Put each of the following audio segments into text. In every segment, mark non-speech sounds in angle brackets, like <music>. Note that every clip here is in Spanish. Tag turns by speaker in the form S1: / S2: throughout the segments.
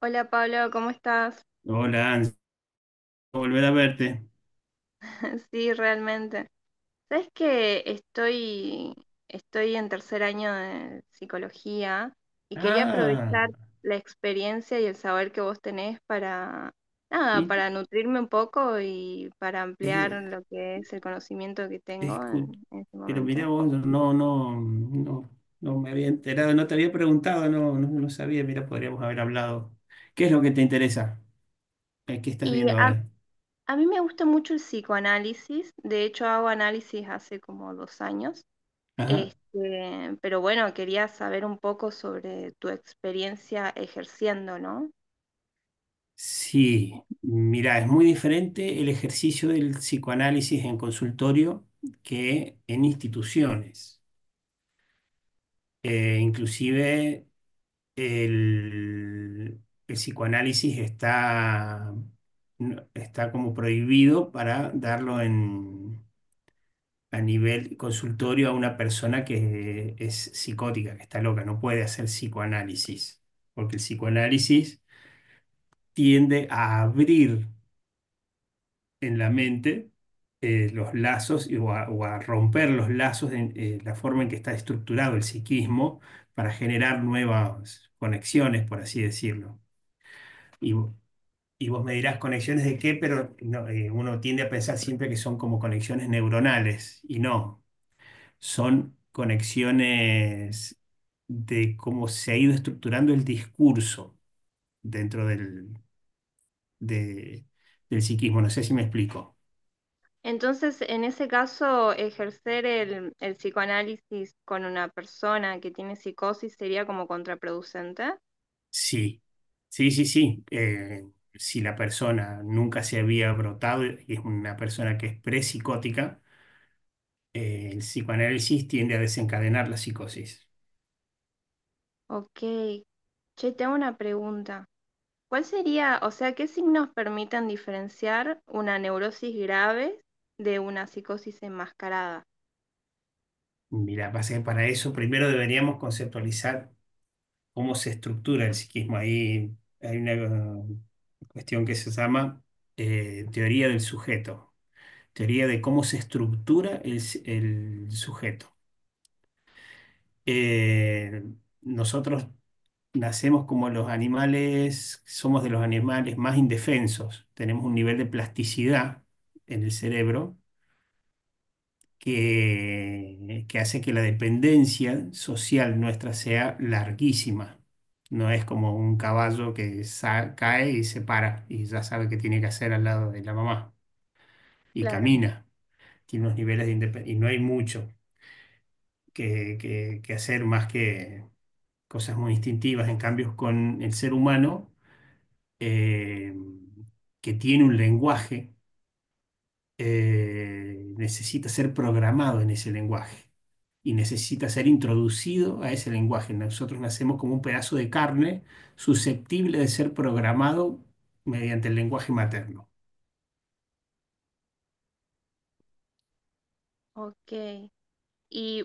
S1: Hola Pablo, ¿cómo estás?
S2: Hola, Anso, volver a verte.
S1: <laughs> Sí, realmente. Sabes que estoy en tercer año de psicología y quería
S2: Ah,
S1: aprovechar la experiencia y el saber que vos tenés para, nada,
S2: mi-
S1: para nutrirme un poco y para ampliar
S2: eh,
S1: lo que es el conocimiento que tengo
S2: escu-
S1: en este
S2: pero mira
S1: momento.
S2: vos, no, no, no, no me había enterado, no te había preguntado, no, no, no sabía, mira, podríamos haber hablado. ¿Qué es lo que te interesa? ¿Qué estás
S1: Y
S2: viendo
S1: a,
S2: ahora?
S1: a mí me gusta mucho el psicoanálisis, de hecho hago análisis hace como 2 años.
S2: Ajá.
S1: Este, pero bueno, quería saber un poco sobre tu experiencia ejerciendo, ¿no?
S2: Sí, mira, es muy diferente el ejercicio del psicoanálisis en consultorio que en instituciones. Inclusive el, el psicoanálisis está, está como prohibido para darlo en, a nivel consultorio a una persona que es psicótica, que está loca, no puede hacer psicoanálisis, porque el psicoanálisis tiende a abrir en la mente, los lazos o a romper los lazos en la forma en que está estructurado el psiquismo para generar nuevas conexiones, por así decirlo. y Y vos me dirás conexiones de qué, pero no, uno tiende a pensar siempre que son como conexiones neuronales y no, son conexiones de cómo se ha ido estructurando el discurso dentro de- del psiquismo. No sé si me explico.
S1: Entonces, en ese caso, ejercer el psicoanálisis con una persona que tiene psicosis sería como contraproducente.
S2: Sí, sí, sí, sí. Si la persona nunca se había brotado y es una persona que es prepsicótica, el psicoanálisis tiende a desencadenar la psicosis.
S1: Ok. Che, tengo una pregunta. ¿Cuál sería, o sea, qué signos permiten diferenciar una neurosis grave de una psicosis enmascarada?
S2: Mira, pasa que para eso primero deberíamos conceptualizar cómo se estructura el psiquismo. Ahí hay una cuestión que se llama teoría del sujeto, teoría de cómo se estructura el sujeto. Eh, Nosotros nacemos como los animales, somos de los animales más indefensos, tenemos un nivel de plasticidad en el cerebro que hace que la dependencia social nuestra sea larguísima. No es como un caballo que cae y se para y ya sabe qué tiene que hacer al lado de la mamá y
S1: Claro.
S2: camina. Tiene unos niveles de independencia y no hay mucho que hacer más que cosas muy instintivas. En cambio, con el ser humano, eh, que tiene un lenguaje, necesita ser programado en ese lenguaje y necesita ser introducido a ese lenguaje. Nosotros nacemos como un pedazo de carne susceptible de ser programado mediante el lenguaje materno.
S1: Ok. ¿Y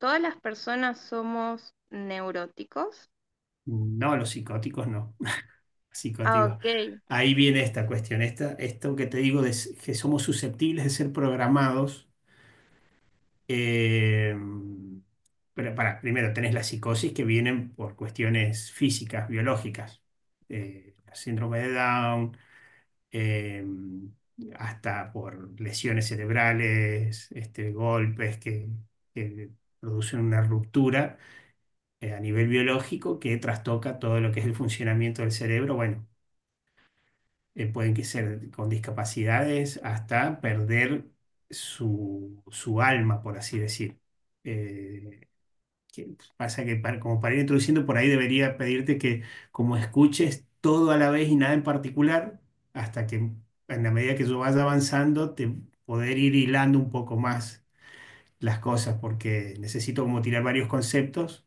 S1: todas las personas somos neuróticos?
S2: No, los psicóticos no. <laughs>
S1: Ah,
S2: Psicóticos.
S1: ok,
S2: Ahí viene esta cuestión, esto que te digo de que somos susceptibles de ser programados. Eh, pero para, primero tenés la psicosis que vienen por cuestiones físicas, biológicas, síndrome de Down, eh, hasta por lesiones cerebrales, este, golpes que producen una ruptura a nivel biológico que trastoca todo lo que es el funcionamiento del cerebro. Bueno, pueden que ser con discapacidades hasta perder su, su alma, por así decir. Eh, que pasa que para, como para ir introduciendo por ahí debería pedirte que como escuches todo a la vez y nada en particular, hasta que en la medida que yo vaya avanzando, te poder ir hilando un poco más las cosas, porque necesito como tirar varios conceptos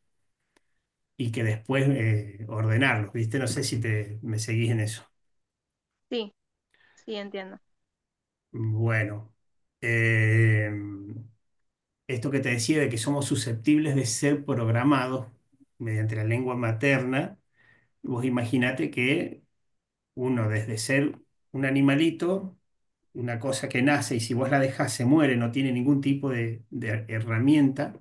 S2: y que después ordenarlos, ¿viste? No sé si te, me seguís en eso.
S1: sí, sí, entiendo.
S2: Bueno, eh, esto que te decía de que somos susceptibles de ser programados mediante la lengua materna, vos imaginate que uno desde ser un animalito, una cosa que nace y si vos la dejás se muere, no tiene ningún tipo de herramienta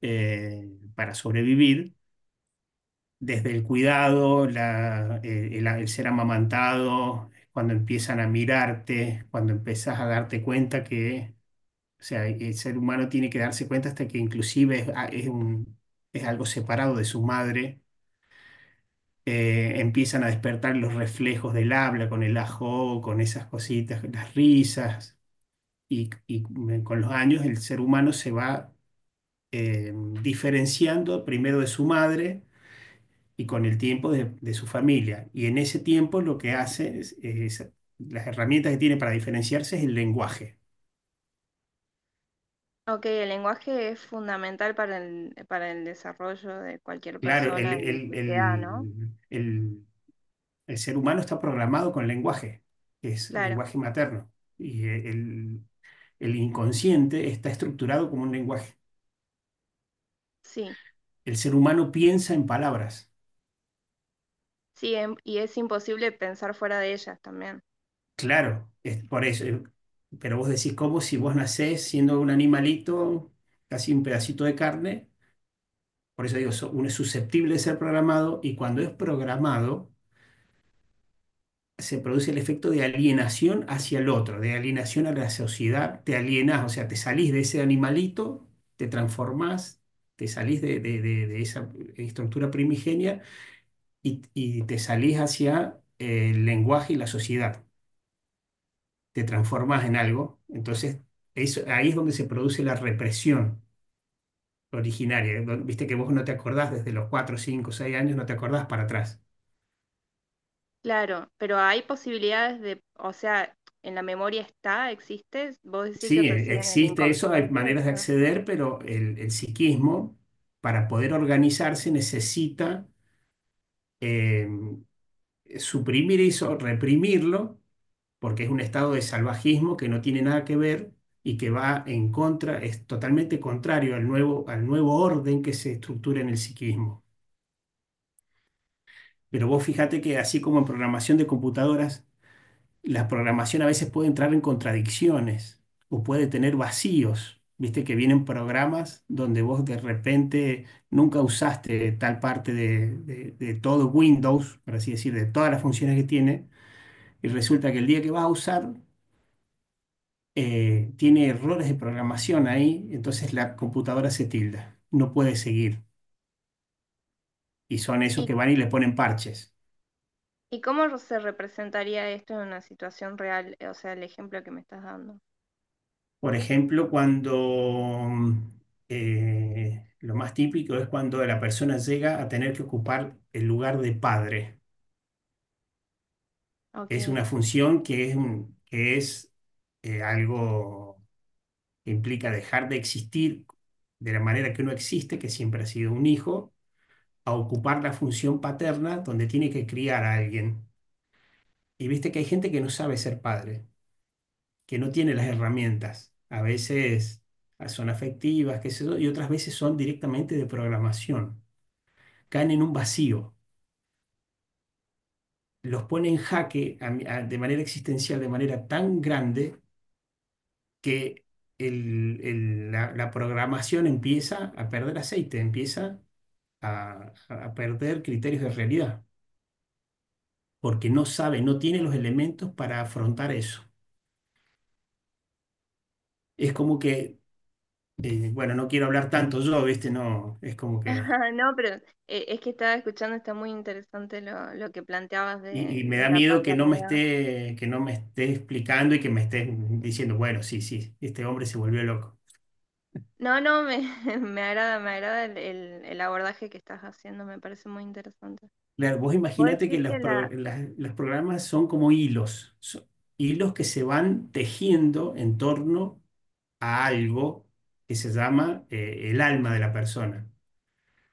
S2: eh, para sobrevivir, desde el cuidado, el ser amamantado, cuando empiezan a mirarte, cuando empezás a darte cuenta que, o sea, el ser humano tiene que darse cuenta hasta que inclusive es, ah, es un- es algo separado de su madre, empiezan a despertar los reflejos del habla con el ajo, con esas cositas, las risas, y con los años el ser humano se va eh, diferenciando primero de su madre y con el tiempo de su familia. Y en ese tiempo lo que hace es, las herramientas que tiene para diferenciarse es el lenguaje.
S1: Ok, el lenguaje es fundamental para para el desarrollo de cualquier
S2: Claro, el,
S1: persona en
S2: el-
S1: sociedad, ¿no?
S2: el- el- el ser humano está programado con lenguaje, que es
S1: Claro,
S2: lenguaje materno. Y el, El inconsciente está estructurado como un lenguaje.
S1: sí,
S2: El ser humano piensa en palabras.
S1: sí, y es imposible pensar fuera de ellas también.
S2: Claro, es por eso. Pero vos decís, ¿cómo si vos nacés siendo un animalito, casi un pedacito de carne? Por eso digo, uno es susceptible de ser programado y cuando es programado se produce el efecto de alienación hacia el otro, de alienación a la sociedad, te alienás, o sea, te salís de ese animalito, te transformás, te salís de esa estructura primigenia y te salís hacia el lenguaje y la sociedad, te transformas en algo, entonces eso, ahí es donde se produce la represión originaria, viste que vos no te acordás desde los 4, 5, 6 años, no te acordás para atrás.
S1: Claro, pero hay posibilidades de, o sea, en la memoria está, existe, vos decís que
S2: Sí,
S1: reside en el
S2: existe eso, hay
S1: inconsciente,
S2: maneras de
S1: eso.
S2: acceder, pero el psiquismo, para poder organizarse, necesita eh, suprimir eso, reprimirlo porque es un estado de salvajismo que no tiene nada que ver y que va en contra, es totalmente contrario al nuevo orden que se estructura en el psiquismo. Pero vos fíjate que así como en programación de computadoras, la programación a veces puede entrar en contradicciones o puede tener vacíos. Viste que vienen programas donde vos de repente nunca usaste tal parte de, de todo Windows, por así decir, de todas las funciones que tiene, y resulta que el día que vas a usar tiene errores de programación ahí, entonces la computadora se tilda, no puede seguir. Y son esos
S1: ¿Y,
S2: que van y le ponen parches.
S1: ¿y cómo se representaría esto en una situación real? O sea, el ejemplo que me estás dando.
S2: Por ejemplo, cuando lo más típico es cuando la persona llega a tener que ocupar el lugar de padre.
S1: Ok.
S2: Es una función que es algo que implica dejar de existir de la manera que uno existe, que siempre ha sido un hijo, a ocupar la función paterna donde tiene que criar a alguien. Y viste que hay gente que no sabe ser padre, que no tiene las herramientas. A veces son afectivas, qué sé yo, y otras veces son directamente de programación. Caen en un vacío, los pone en jaque de manera existencial, de manera tan grande que la programación empieza a perder aceite, empieza a perder criterios de realidad, porque no sabe, no tiene los elementos para afrontar eso. Es como que bueno, no quiero hablar tanto yo, ¿viste? No, es como
S1: <laughs>
S2: que...
S1: Ajá, no, pero es que estaba escuchando, está muy interesante lo que planteabas
S2: Y me
S1: de
S2: da
S1: la
S2: miedo que no me
S1: paternidad.
S2: esté, que no me esté explicando y que me esté diciendo, bueno, sí, sí, este hombre se volvió loco.
S1: No, no, <laughs> me agrada el abordaje que estás haciendo, me parece muy interesante.
S2: Claro, vos
S1: Vos
S2: imaginate que
S1: decís que
S2: los,
S1: la...
S2: pro- las- los programas son como hilos, son hilos que se van tejiendo en torno a algo que se llama el alma de la persona.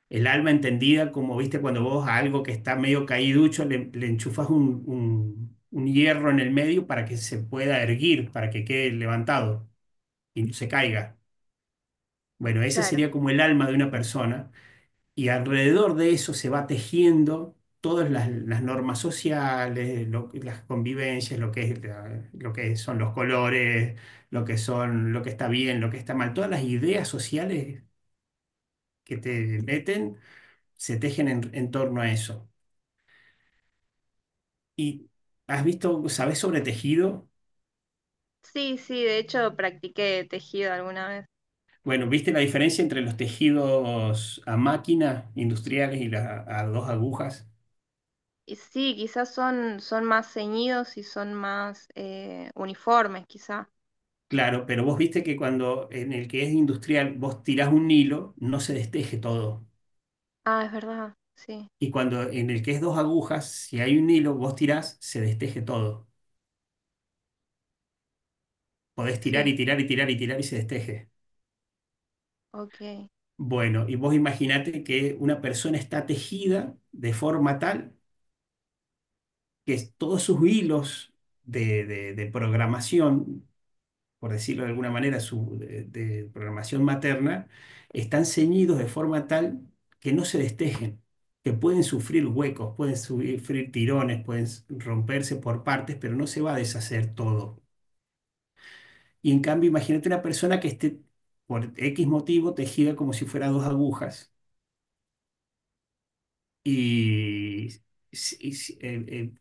S2: El alma entendida como, viste, cuando vos a algo que está medio caíducho le enchufas un hierro en el medio para que se pueda erguir, para que quede levantado y no se caiga. Bueno, esa
S1: Claro,
S2: sería como el alma de una persona y alrededor de eso se va tejiendo todas las normas sociales, las convivencias, lo que son los colores, lo que son, lo que está bien, lo que está mal, todas las ideas sociales que te meten se tejen en torno a eso. ¿Y has visto, sabes sobre tejido?
S1: sí, sí, de hecho practiqué tejido alguna vez.
S2: Bueno, ¿viste la diferencia entre los tejidos a máquina industriales y las a dos agujas?
S1: Y sí, quizás son más ceñidos y son más uniformes, quizás.
S2: Claro, pero vos viste que cuando en el que es industrial vos tirás un hilo, no se desteje todo.
S1: Ah, es verdad, sí,
S2: Y cuando en el que es dos agujas, si hay un hilo, vos tirás, se desteje todo. Podés tirar
S1: sí,
S2: y tirar y tirar y tirar y se desteje.
S1: ok.
S2: Bueno, y vos imaginate que una persona está tejida de forma tal que todos sus hilos de, de programación, por decirlo de alguna manera, de programación materna, están ceñidos de forma tal que no se destejen, que pueden sufrir huecos, pueden sufrir tirones, pueden romperse por partes, pero no se va a deshacer todo. Y en cambio, imagínate una persona que esté por X motivo tejida como si fuera dos agujas y, y eh, eh,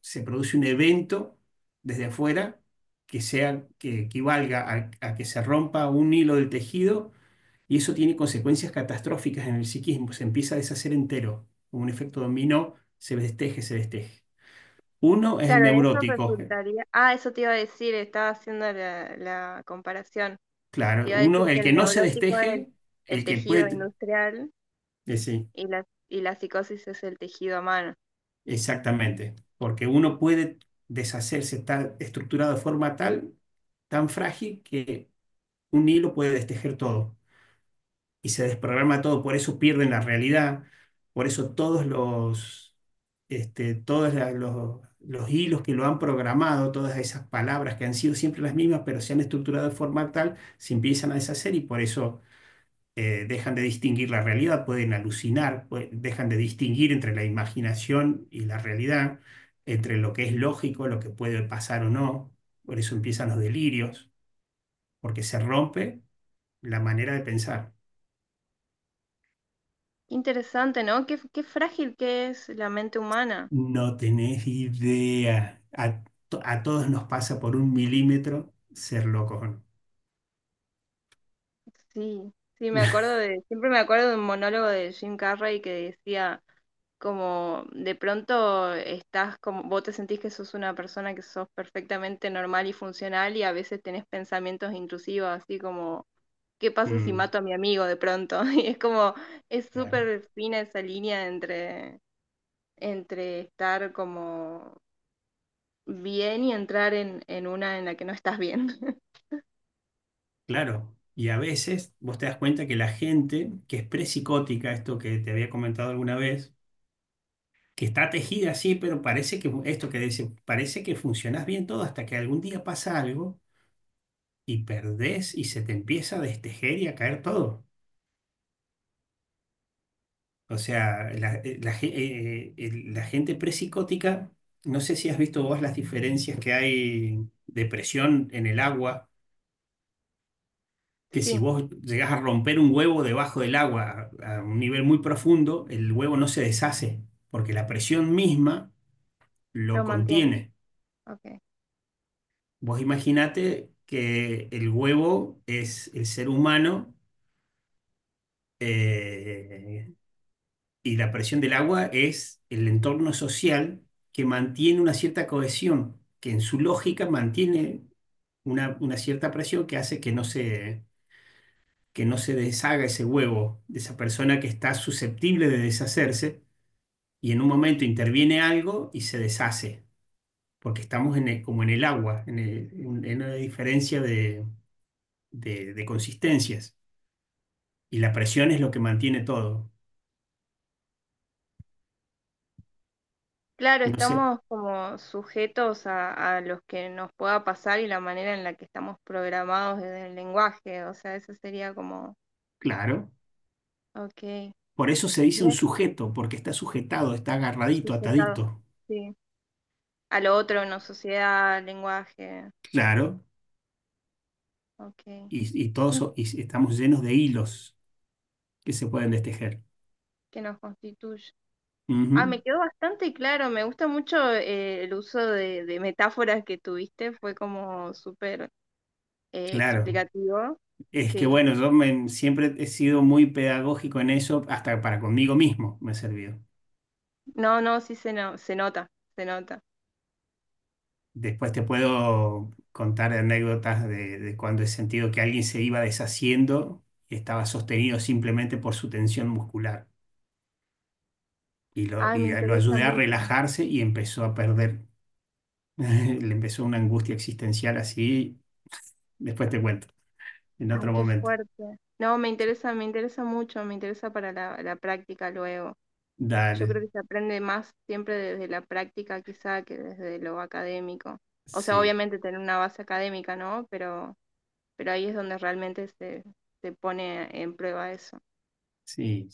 S2: se produce un evento desde afuera que sea, que equivalga a que se rompa un hilo del tejido y eso tiene consecuencias catastróficas en el psiquismo. Se empieza a deshacer entero, como un efecto dominó, se desteje, se desteje. Uno es el
S1: Claro, en eso
S2: neurótico,
S1: resultaría. Ah, eso te iba a decir, estaba haciendo la comparación. Te
S2: claro.
S1: iba a decir
S2: Uno,
S1: que
S2: el que
S1: el
S2: no se
S1: neurótico es
S2: desteje,
S1: el
S2: el que
S1: tejido
S2: puede...
S1: industrial
S2: sí.
S1: y la psicosis es el tejido humano.
S2: Exactamente, porque uno puede deshacerse, está estructurado de forma tal, tan frágil, que un hilo puede destejer todo y se desprograma todo, por eso pierden la realidad, por eso todos los hilos que lo han programado, todas esas palabras que han sido siempre las mismas, pero se han estructurado de forma tal, se empiezan a deshacer y por eso dejan de distinguir la realidad, pueden alucinar, dejan de distinguir entre la imaginación y la realidad, entre lo que es lógico, lo que puede pasar o no. Por eso empiezan los delirios, porque se rompe la manera de pensar.
S1: Interesante, ¿no? Qué, qué frágil que es la mente humana.
S2: No tenés idea. A todos nos pasa por un milímetro ser locos, o no.
S1: Sí, sí, me acuerdo
S2: <laughs>
S1: de, siempre me acuerdo de un monólogo de Jim Carrey que decía como de pronto estás como, vos te sentís que sos una persona que sos perfectamente normal y funcional y a veces tenés pensamientos intrusivos, así como ¿qué pasa si
S2: Mm.
S1: mato a mi amigo de pronto? <laughs> Y es como, es
S2: Claro.
S1: súper fina esa línea entre, entre estar como bien y entrar en una en la que no estás bien. <laughs>
S2: Claro. Y a veces vos te das cuenta que la gente que es psicótica esto que te había comentado alguna vez, que está tejida así, pero parece que esto que dice, parece que funcionas bien todo hasta que algún día pasa algo y perdés y se te empieza a destejer y a caer todo. O sea, la gente prepsicótica, no sé si has visto vos las diferencias que hay de presión en el agua, que si
S1: Sí,
S2: vos llegás a romper un huevo debajo del agua a un nivel muy profundo, el huevo no se deshace, porque la presión misma
S1: lo
S2: lo
S1: mantiene.
S2: contiene.
S1: Okay.
S2: Vos imaginate que el huevo es el ser humano, eh, y la presión del agua es el entorno social que mantiene una cierta cohesión, que en su lógica mantiene una cierta presión que hace que no se deshaga ese huevo de esa persona que está susceptible de deshacerse y en un momento interviene algo y se deshace, porque estamos como en el agua, en una diferencia de consistencias. Y la presión es lo que mantiene todo.
S1: Claro,
S2: No sé,
S1: estamos como sujetos a los que nos pueda pasar y la manera en la que estamos programados desde el lenguaje. O sea, eso sería como,
S2: claro.
S1: ok,
S2: Por eso se dice un
S1: bien
S2: sujeto, porque está sujetado, está agarradito,
S1: sujetado,
S2: atadito.
S1: sí. A lo otro, una sociedad, lenguaje.
S2: Claro.
S1: Ok.
S2: Y estamos llenos de hilos que se pueden destejer.
S1: Que nos constituye. Ah, me
S2: Ujú.
S1: quedó bastante claro, me gusta mucho el uso de metáforas que tuviste, fue como súper
S2: Claro.
S1: explicativo.
S2: Es que
S1: Sí,
S2: bueno, yo siempre he sido muy pedagógico en eso, hasta para conmigo mismo me ha servido.
S1: no, no, sí se, no, se nota, se nota.
S2: Después te puedo contar anécdotas de cuando he sentido que alguien se iba deshaciendo y estaba sostenido simplemente por su tensión muscular, y lo,
S1: Ay, me
S2: y a- lo
S1: interesa
S2: ayudé a
S1: mucho.
S2: relajarse y empezó a perder. <laughs> Le empezó una angustia existencial así. Después te cuento, en
S1: Ay,
S2: otro
S1: qué
S2: momento.
S1: fuerte. No, me interesa mucho, me interesa para la práctica luego. Yo creo
S2: Dale,
S1: que se aprende más siempre desde la práctica quizá que desde lo académico. O sea,
S2: sí,
S1: obviamente tener una base académica, ¿no? Pero ahí es donde realmente se, se pone en prueba eso.
S2: sí.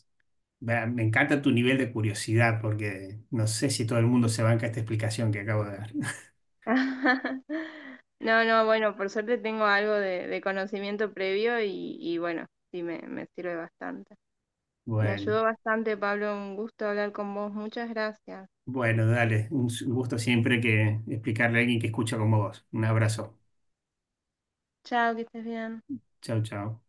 S2: Va, me encanta tu nivel de curiosidad porque no sé si todo el mundo se banca esta explicación que acabo de dar. <laughs>
S1: <laughs> No, no, bueno, por suerte tengo algo de conocimiento previo y bueno, sí me sirve bastante. Me
S2: Bueno,
S1: ayudó bastante, Pablo, un gusto hablar con vos. Muchas gracias.
S2: bueno, dale. Un gusto siempre que explicarle a alguien que escucha como vos. Un abrazo.
S1: Chao, que estés bien.
S2: Chau, chau.